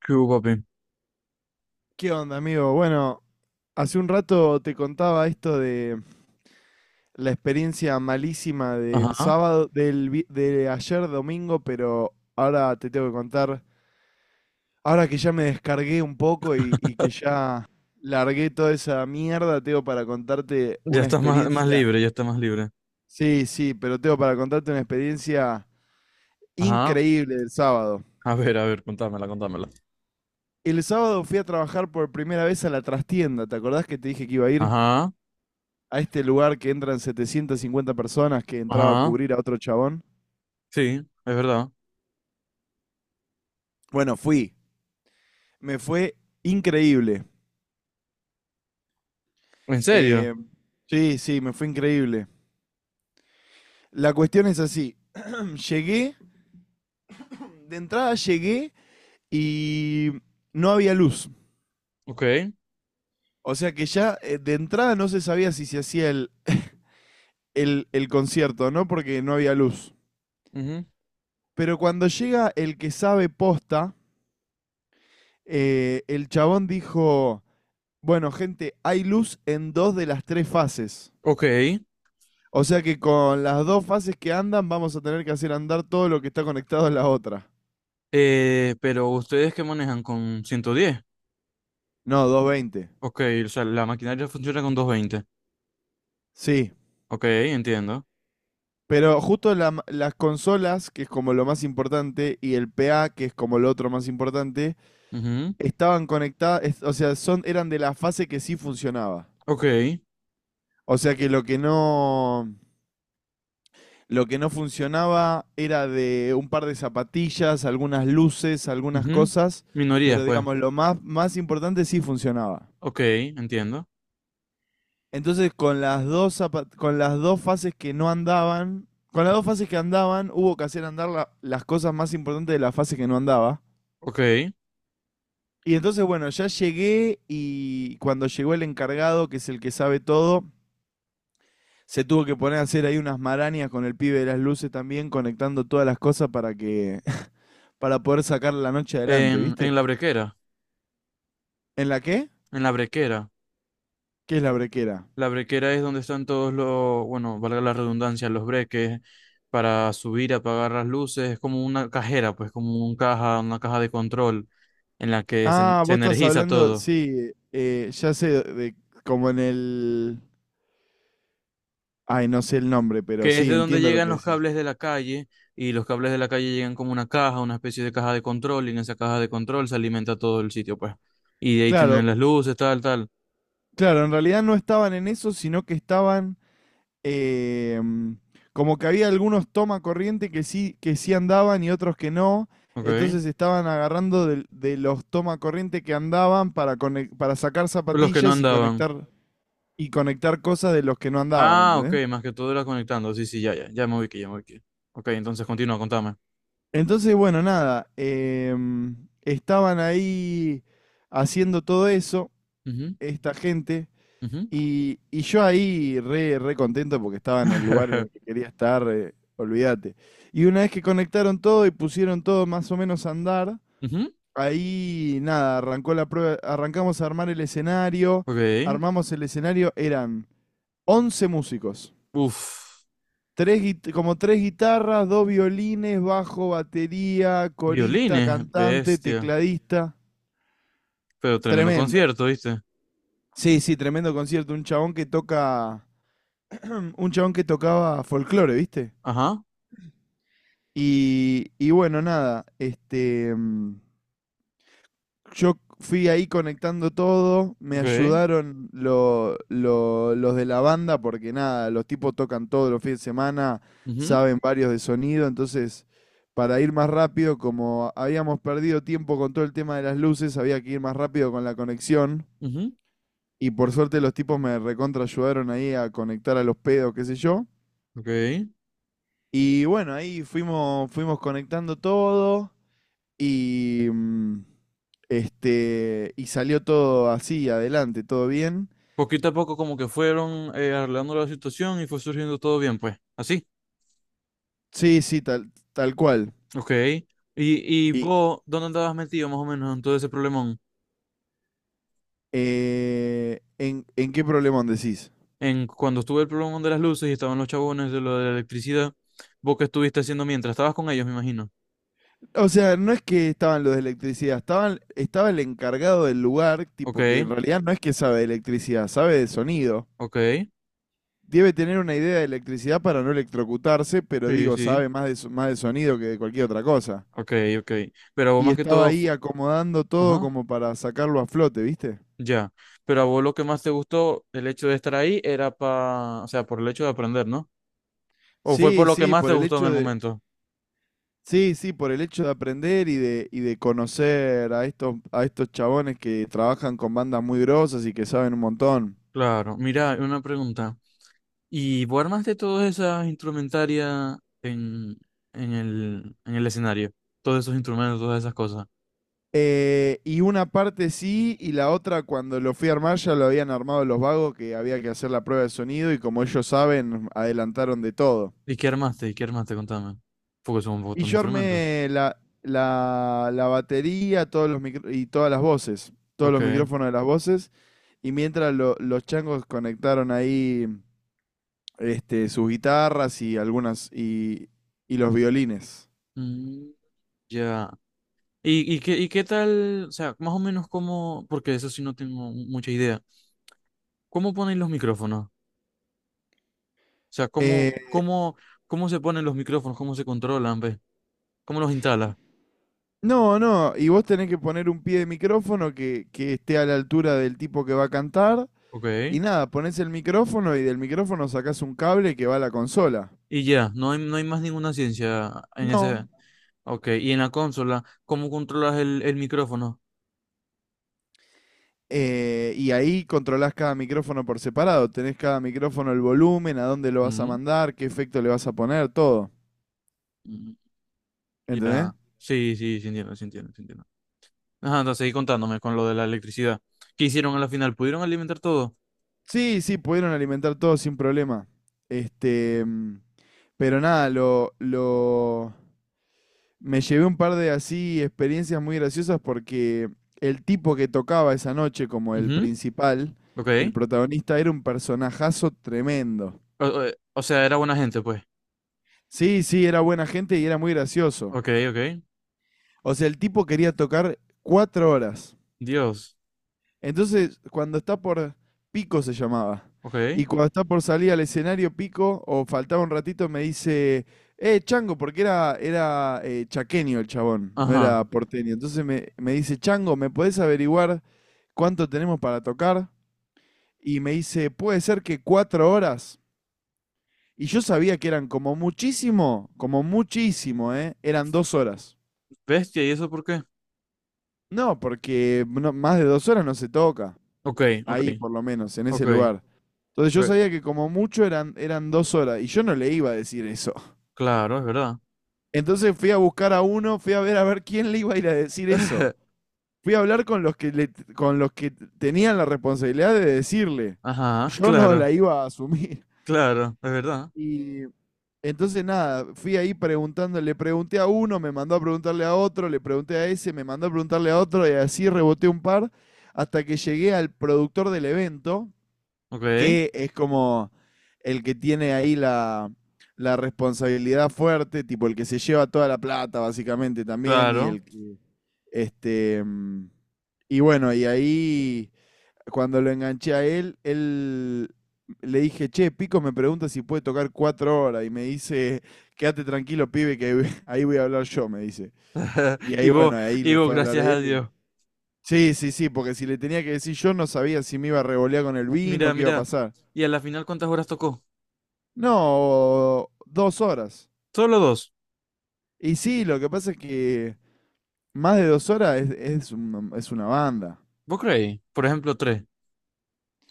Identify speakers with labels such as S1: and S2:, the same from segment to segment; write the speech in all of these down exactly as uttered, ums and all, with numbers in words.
S1: ¿Qué hubo, papi?
S2: ¿Qué onda, amigo? Bueno, hace un rato te contaba esto de la experiencia malísima del
S1: Ajá.
S2: sábado, del, vi- de ayer domingo, pero ahora te tengo que contar, ahora que ya me descargué un poco y, y que ya largué toda esa mierda, tengo para contarte
S1: Ya
S2: una
S1: estás más, más
S2: experiencia,
S1: libre, ya estás más libre.
S2: sí, sí, pero tengo para contarte una experiencia
S1: Ajá.
S2: increíble del sábado.
S1: A ver, a ver, contámela, contámela.
S2: El sábado fui a trabajar por primera vez a la trastienda, ¿te acordás que te dije que iba a ir?
S1: Ajá.
S2: A este lugar que entran setecientas cincuenta personas que entraba a
S1: Ajá.
S2: cubrir a otro chabón.
S1: Sí, es verdad.
S2: Bueno, fui. Me fue increíble.
S1: ¿En serio?
S2: Eh, sí, sí, me fue increíble. La cuestión es así. Llegué, de entrada llegué y no había luz.
S1: Ok,
S2: O sea que ya eh, de entrada no se sabía si se hacía el, el, el concierto, ¿no? Porque no había luz.
S1: ujú,
S2: Pero cuando llega el que sabe posta, eh, el chabón dijo, bueno, gente, hay luz en dos de las tres fases.
S1: ok.
S2: O sea que con las dos fases que andan vamos a tener que hacer andar todo lo que está conectado a la otra.
S1: Eh, pero ustedes que manejan con ciento diez.
S2: No, doscientos veinte.
S1: Ok, o sea, la maquinaria funciona con doscientos veinte.
S2: Sí.
S1: Ok, entiendo.
S2: Pero justo la las consolas, que es como lo más importante, y el P A, que es como lo otro más importante,
S1: Ujú,
S2: estaban conectadas, es- o sea, son, eran de la fase que sí funcionaba.
S1: ok,
S2: O sea que lo que no, lo que no funcionaba era de un par de zapatillas, algunas luces, algunas
S1: ujú.
S2: cosas,
S1: Minorías,
S2: pero
S1: pues.
S2: digamos, lo más, más importante sí funcionaba.
S1: Ok, entiendo.
S2: Entonces, con las dos zapa- con las dos fases que no andaban, con las dos fases que andaban, hubo que hacer andar la- las cosas más importantes de la fase que no andaba.
S1: Ok. En,
S2: Y entonces, bueno, ya llegué y cuando llegó el encargado, que es el que sabe todo, se tuvo que poner a hacer ahí unas marañas con el pibe de las luces también, conectando todas las cosas para que para poder sacar la noche adelante,
S1: en
S2: ¿viste?
S1: la brequera.
S2: ¿En la qué?
S1: En la brequera.
S2: ¿Qué es la brequera?
S1: La brequera es donde están todos los, bueno, valga la redundancia, los breques para subir, apagar las luces. Es como una cajera, pues como un caja, una caja de control en la que se, en-
S2: Ah,
S1: se
S2: vos estás
S1: energiza
S2: hablando,
S1: todo.
S2: sí, eh, ya sé, de, como en el Ay, no sé el nombre, pero
S1: Que es
S2: sí,
S1: de donde
S2: entiendo lo
S1: llegan
S2: que
S1: los
S2: decís.
S1: cables de la calle y los cables de la calle llegan como una caja, una especie de caja de control y en esa caja de control se alimenta todo el sitio, pues. Y de ahí
S2: Claro,
S1: tienen las luces, tal, tal.
S2: claro, en realidad no estaban en eso, sino que estaban eh, mm, como que había algunos toma corriente que sí, que sí andaban y otros que no.
S1: Ok.
S2: Entonces estaban agarrando del- de, los toma corriente que andaban para, conec- para sacar
S1: Los que no
S2: zapatillas y
S1: andaban.
S2: conectar, y conectar cosas de los que no andaban,
S1: Ah, ok,
S2: ¿entendés?
S1: más que todo era conectando. Sí, sí, ya, ya, ya me ubiqué, ya me ubiqué. Ok, entonces continúa, contame.
S2: Entonces, bueno, nada, em, estaban ahí haciendo todo eso,
S1: Ujú,
S2: esta gente.
S1: ujú.
S2: Y, y yo ahí re, re contento porque estaba en el lugar en el que quería estar, eh, olvídate. Y una vez que conectaron todo y pusieron todo más o menos a andar,
S1: Ujú,
S2: ahí nada, arrancó la prueba, arrancamos a armar el escenario,
S1: ok.
S2: armamos el escenario, eran once músicos,
S1: Uf.
S2: tres, guit- como tres guitarras, dos violines, bajo, batería, corista,
S1: Violines,
S2: cantante,
S1: bestia.
S2: tecladista,
S1: Pero tremendo
S2: tremendo.
S1: concierto, ¿viste?
S2: Sí, sí, tremendo concierto, un chabón que toca, un chabón que tocaba folclore, ¿viste?
S1: Ajá.
S2: Y, y bueno, nada, este, mm, yo fui ahí conectando todo, me
S1: Ok.
S2: ayudaron lo- lo- los de la banda, porque nada, los tipos tocan todos los fines de semana,
S1: Ujú,
S2: saben varios de sonido, entonces para ir más rápido, como habíamos perdido tiempo con todo el tema de las luces, había que ir más rápido con la conexión,
S1: ujú,
S2: y por suerte los tipos me recontra ayudaron ahí a conectar a los pedos, qué sé yo.
S1: ok.
S2: Y bueno, ahí fuimos, fuimos conectando todo. Y, mm, este, y salió todo así, adelante, todo bien.
S1: Poquito a poco como que fueron eh, arreglando la situación y fue surgiendo todo bien, pues. Así.
S2: Sí, sí, tal, tal cual.
S1: Ok. ¿Y, y
S2: ¿Y
S1: vos dónde andabas metido más o menos en todo ese problemón?
S2: eh, ¿en, en qué problemón decís?
S1: En cuando estuve el problemón de las luces y estaban los chabones de lo de la electricidad, ¿vos qué estuviste haciendo mientras? Estabas con ellos, me imagino.
S2: O sea, no es que estaban los de electricidad, estaban, estaba el encargado del lugar,
S1: Ok,
S2: tipo que en realidad no es que sabe de electricidad, sabe de sonido.
S1: ok.
S2: Debe tener una idea de electricidad para no electrocutarse, pero
S1: Sí,
S2: digo,
S1: sí.
S2: sabe más de, so- más de sonido que de cualquier otra cosa.
S1: Ok, ok. Pero vos
S2: Y
S1: más que
S2: estaba
S1: todo.
S2: ahí acomodando todo
S1: Ajá,
S2: como para sacarlo a flote, ¿viste?
S1: ya. Pero a vos lo que más te gustó, el hecho de estar ahí, era para, o sea, por el hecho de aprender, ¿no? ¿O fue
S2: Sí,
S1: por lo que
S2: sí,
S1: más
S2: por
S1: te
S2: el
S1: gustó en
S2: hecho
S1: el
S2: de,
S1: momento?
S2: sí, sí, por el hecho de aprender y de, y de conocer a estos, a estos chabones que trabajan con bandas muy grosas y que saben un montón.
S1: Claro, mira, una pregunta. ¿Y vos armaste todas esas instrumentarias en, en el, en el escenario? Todos esos instrumentos, todas esas cosas.
S2: Eh, y una parte sí, y la otra cuando lo fui a armar ya lo habían armado los vagos que había que hacer la prueba de sonido y como ellos saben, adelantaron de todo.
S1: ¿Y qué armaste? ¿Y qué armaste? Contame. Porque son un
S2: Y
S1: montón de
S2: yo
S1: instrumentos.
S2: armé la, la, la batería todos los micro- y todas las voces, todos
S1: Ok.
S2: los micrófonos de las voces, y mientras lo- los changos conectaron ahí este, sus guitarras y algunas y, y los violines.
S1: Mm, ya. ¿Y, y qué, y qué tal? O sea, más o menos cómo, porque eso sí no tengo mucha idea. ¿Cómo ponen los micrófonos? O sea,
S2: Eh,
S1: ¿cómo, cómo, ¿cómo se ponen los micrófonos? ¿Cómo se controlan, ve? ¿Cómo los instala?
S2: no, no, y vos tenés que poner un pie de micrófono que, que esté a la altura del tipo que va a cantar.
S1: Ok.
S2: Y nada, pones el micrófono y del micrófono sacás un cable que va a la consola.
S1: Y ya, no hay, no hay más ninguna ciencia en ese.
S2: No.
S1: Ok. Y en la consola, ¿cómo controlas el, el micrófono?
S2: eh, y ahí controlás cada micrófono por separado. Tenés cada micrófono el volumen, a dónde lo vas a
S1: Mm,
S2: mandar, qué efecto le vas a poner, todo.
S1: mm,
S2: ¿Entendés?
S1: ya. Sí, sí, sí entiendo, sí entiendo, sí entiendo. Ajá, entonces seguí contándome con lo de la electricidad. ¿Qué hicieron a la final? ¿Pudieron alimentar todo?
S2: Sí, sí, pudieron alimentar todo sin problema. Este, mm, pero nada, lo, lo, me llevé un par de así experiencias muy graciosas porque el tipo que tocaba esa noche como el
S1: Ujú,
S2: principal,
S1: ok.
S2: el protagonista, era un personajazo tremendo.
S1: O, o- eh, o sea, era buena gente, pues.
S2: Sí, sí, era buena gente y era muy gracioso.
S1: Ok, ok.
S2: O sea, el tipo quería tocar cuatro horas.
S1: Dios.
S2: Entonces, cuando está por Pico se llamaba. Y
S1: Ok.
S2: cuando está por salir al escenario Pico, o faltaba un ratito, me dice, eh, Chango, porque era, era eh, chaqueño el chabón, no
S1: Ajá.
S2: era porteño. Entonces me, me dice, Chango, ¿me podés averiguar cuánto tenemos para tocar? Y me dice, puede ser que cuatro horas. Y yo sabía que eran como muchísimo, como muchísimo, ¿eh? Eran dos horas.
S1: Bestia, ¿y eso por qué?
S2: No, porque no- más de dos horas no se toca.
S1: Ok, ok,
S2: Ahí por lo menos, en
S1: ok,
S2: ese lugar. Entonces yo
S1: ok.
S2: sabía que como mucho eran, eran dos horas y yo no le iba a decir eso.
S1: Claro, es verdad.
S2: Entonces fui a buscar a uno, fui a ver a ver quién le iba a ir a decir eso. Fui a hablar con los que, le, con los que tenían la responsabilidad de decirle.
S1: Ajá,
S2: Yo no
S1: claro,
S2: la iba a asumir.
S1: claro, es verdad.
S2: Y entonces nada, fui ahí preguntando, le pregunté a uno, me mandó a preguntarle a otro, le pregunté a ese, me mandó a preguntarle a otro y así reboté un par hasta que llegué al productor del evento,
S1: Ok,
S2: que es como el que tiene ahí la, la responsabilidad fuerte, tipo el que se lleva toda la plata, básicamente también, y
S1: claro.
S2: el que. Este. mm, Y bueno, y ahí, cuando lo enganché a él, él le dije, che, Pico me pregunta si puede tocar cuatro horas, y me dice, quédate tranquilo, pibe, que ahí voy- ahí voy a hablar yo, me dice. Y
S1: Y
S2: ahí,
S1: vos,
S2: bueno, ahí
S1: y
S2: le
S1: vos,
S2: fue a hablar
S1: gracias a
S2: él. y-
S1: Dios.
S2: Sí, sí, sí, porque si le tenía que decir yo, no sabía si me iba a revolear con el vino,
S1: Mira,
S2: qué iba a
S1: mira.
S2: pasar.
S1: ¿Y a la final cuántas horas tocó?
S2: No, dos horas.
S1: Solo dos.
S2: Y sí, lo que pasa es que más de dos horas es, es una, es una banda.
S1: ¿Vos creéis? Por ejemplo, tres.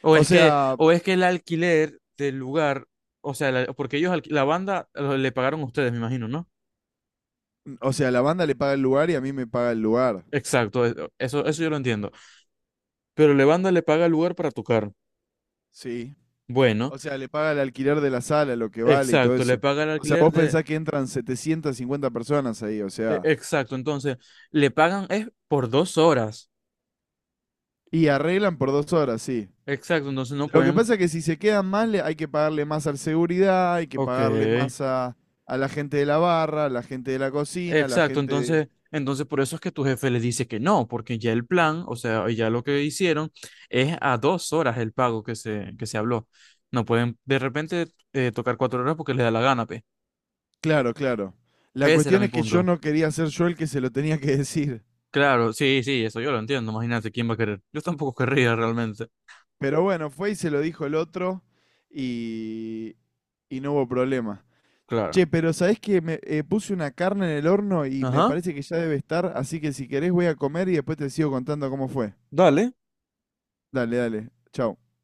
S1: O
S2: O
S1: es que,
S2: sea,
S1: o es que el alquiler del lugar, o sea, la- porque ellos, alqui- la banda lo- le pagaron a ustedes, me imagino, ¿no?
S2: o sea, la banda le paga el lugar y a mí me paga el lugar.
S1: Exacto, e- eso, eso yo lo entiendo. Pero la banda le paga el lugar para tocar.
S2: Sí.
S1: Bueno,
S2: O sea, le paga el alquiler de la sala, lo que vale y todo
S1: exacto, le
S2: eso.
S1: paga el
S2: O sea,
S1: alquiler
S2: vos
S1: de...
S2: pensás que entran setecientas cincuenta personas ahí, o
S1: e-
S2: sea,
S1: Exacto, entonces, le pagan es por dos horas.
S2: y arreglan por dos horas, sí.
S1: Exacto, entonces no
S2: Lo que
S1: pueden.
S2: pasa es que si se quedan más, le- hay que pagarle más al seguridad, hay que
S1: Ok.
S2: pagarle más a, a la gente de la barra, a la gente de la cocina, a la
S1: Exacto,
S2: gente de,
S1: entonces, entonces por eso es que tu jefe le dice que no, porque ya el plan, o sea, ya lo que hicieron es a dos horas el pago que se, que se habló. No pueden de repente eh, tocar cuatro horas porque les da la gana, pe.
S2: Claro, claro. La
S1: Ese era
S2: cuestión
S1: mi
S2: es que yo
S1: punto.
S2: no quería ser yo el que se lo tenía que decir.
S1: Claro, sí, sí, eso yo lo entiendo. Imagínate quién va a querer. Yo tampoco querría realmente.
S2: Pero bueno, fue y se lo dijo el otro y, y no hubo problema.
S1: Claro.
S2: Che, pero ¿sabés que Me eh, puse una carne en el horno y me
S1: Ajá.
S2: parece que ya debe estar, así que si querés voy a comer y después te sigo contando cómo fue.
S1: Dale.
S2: Dale, dale. Chau.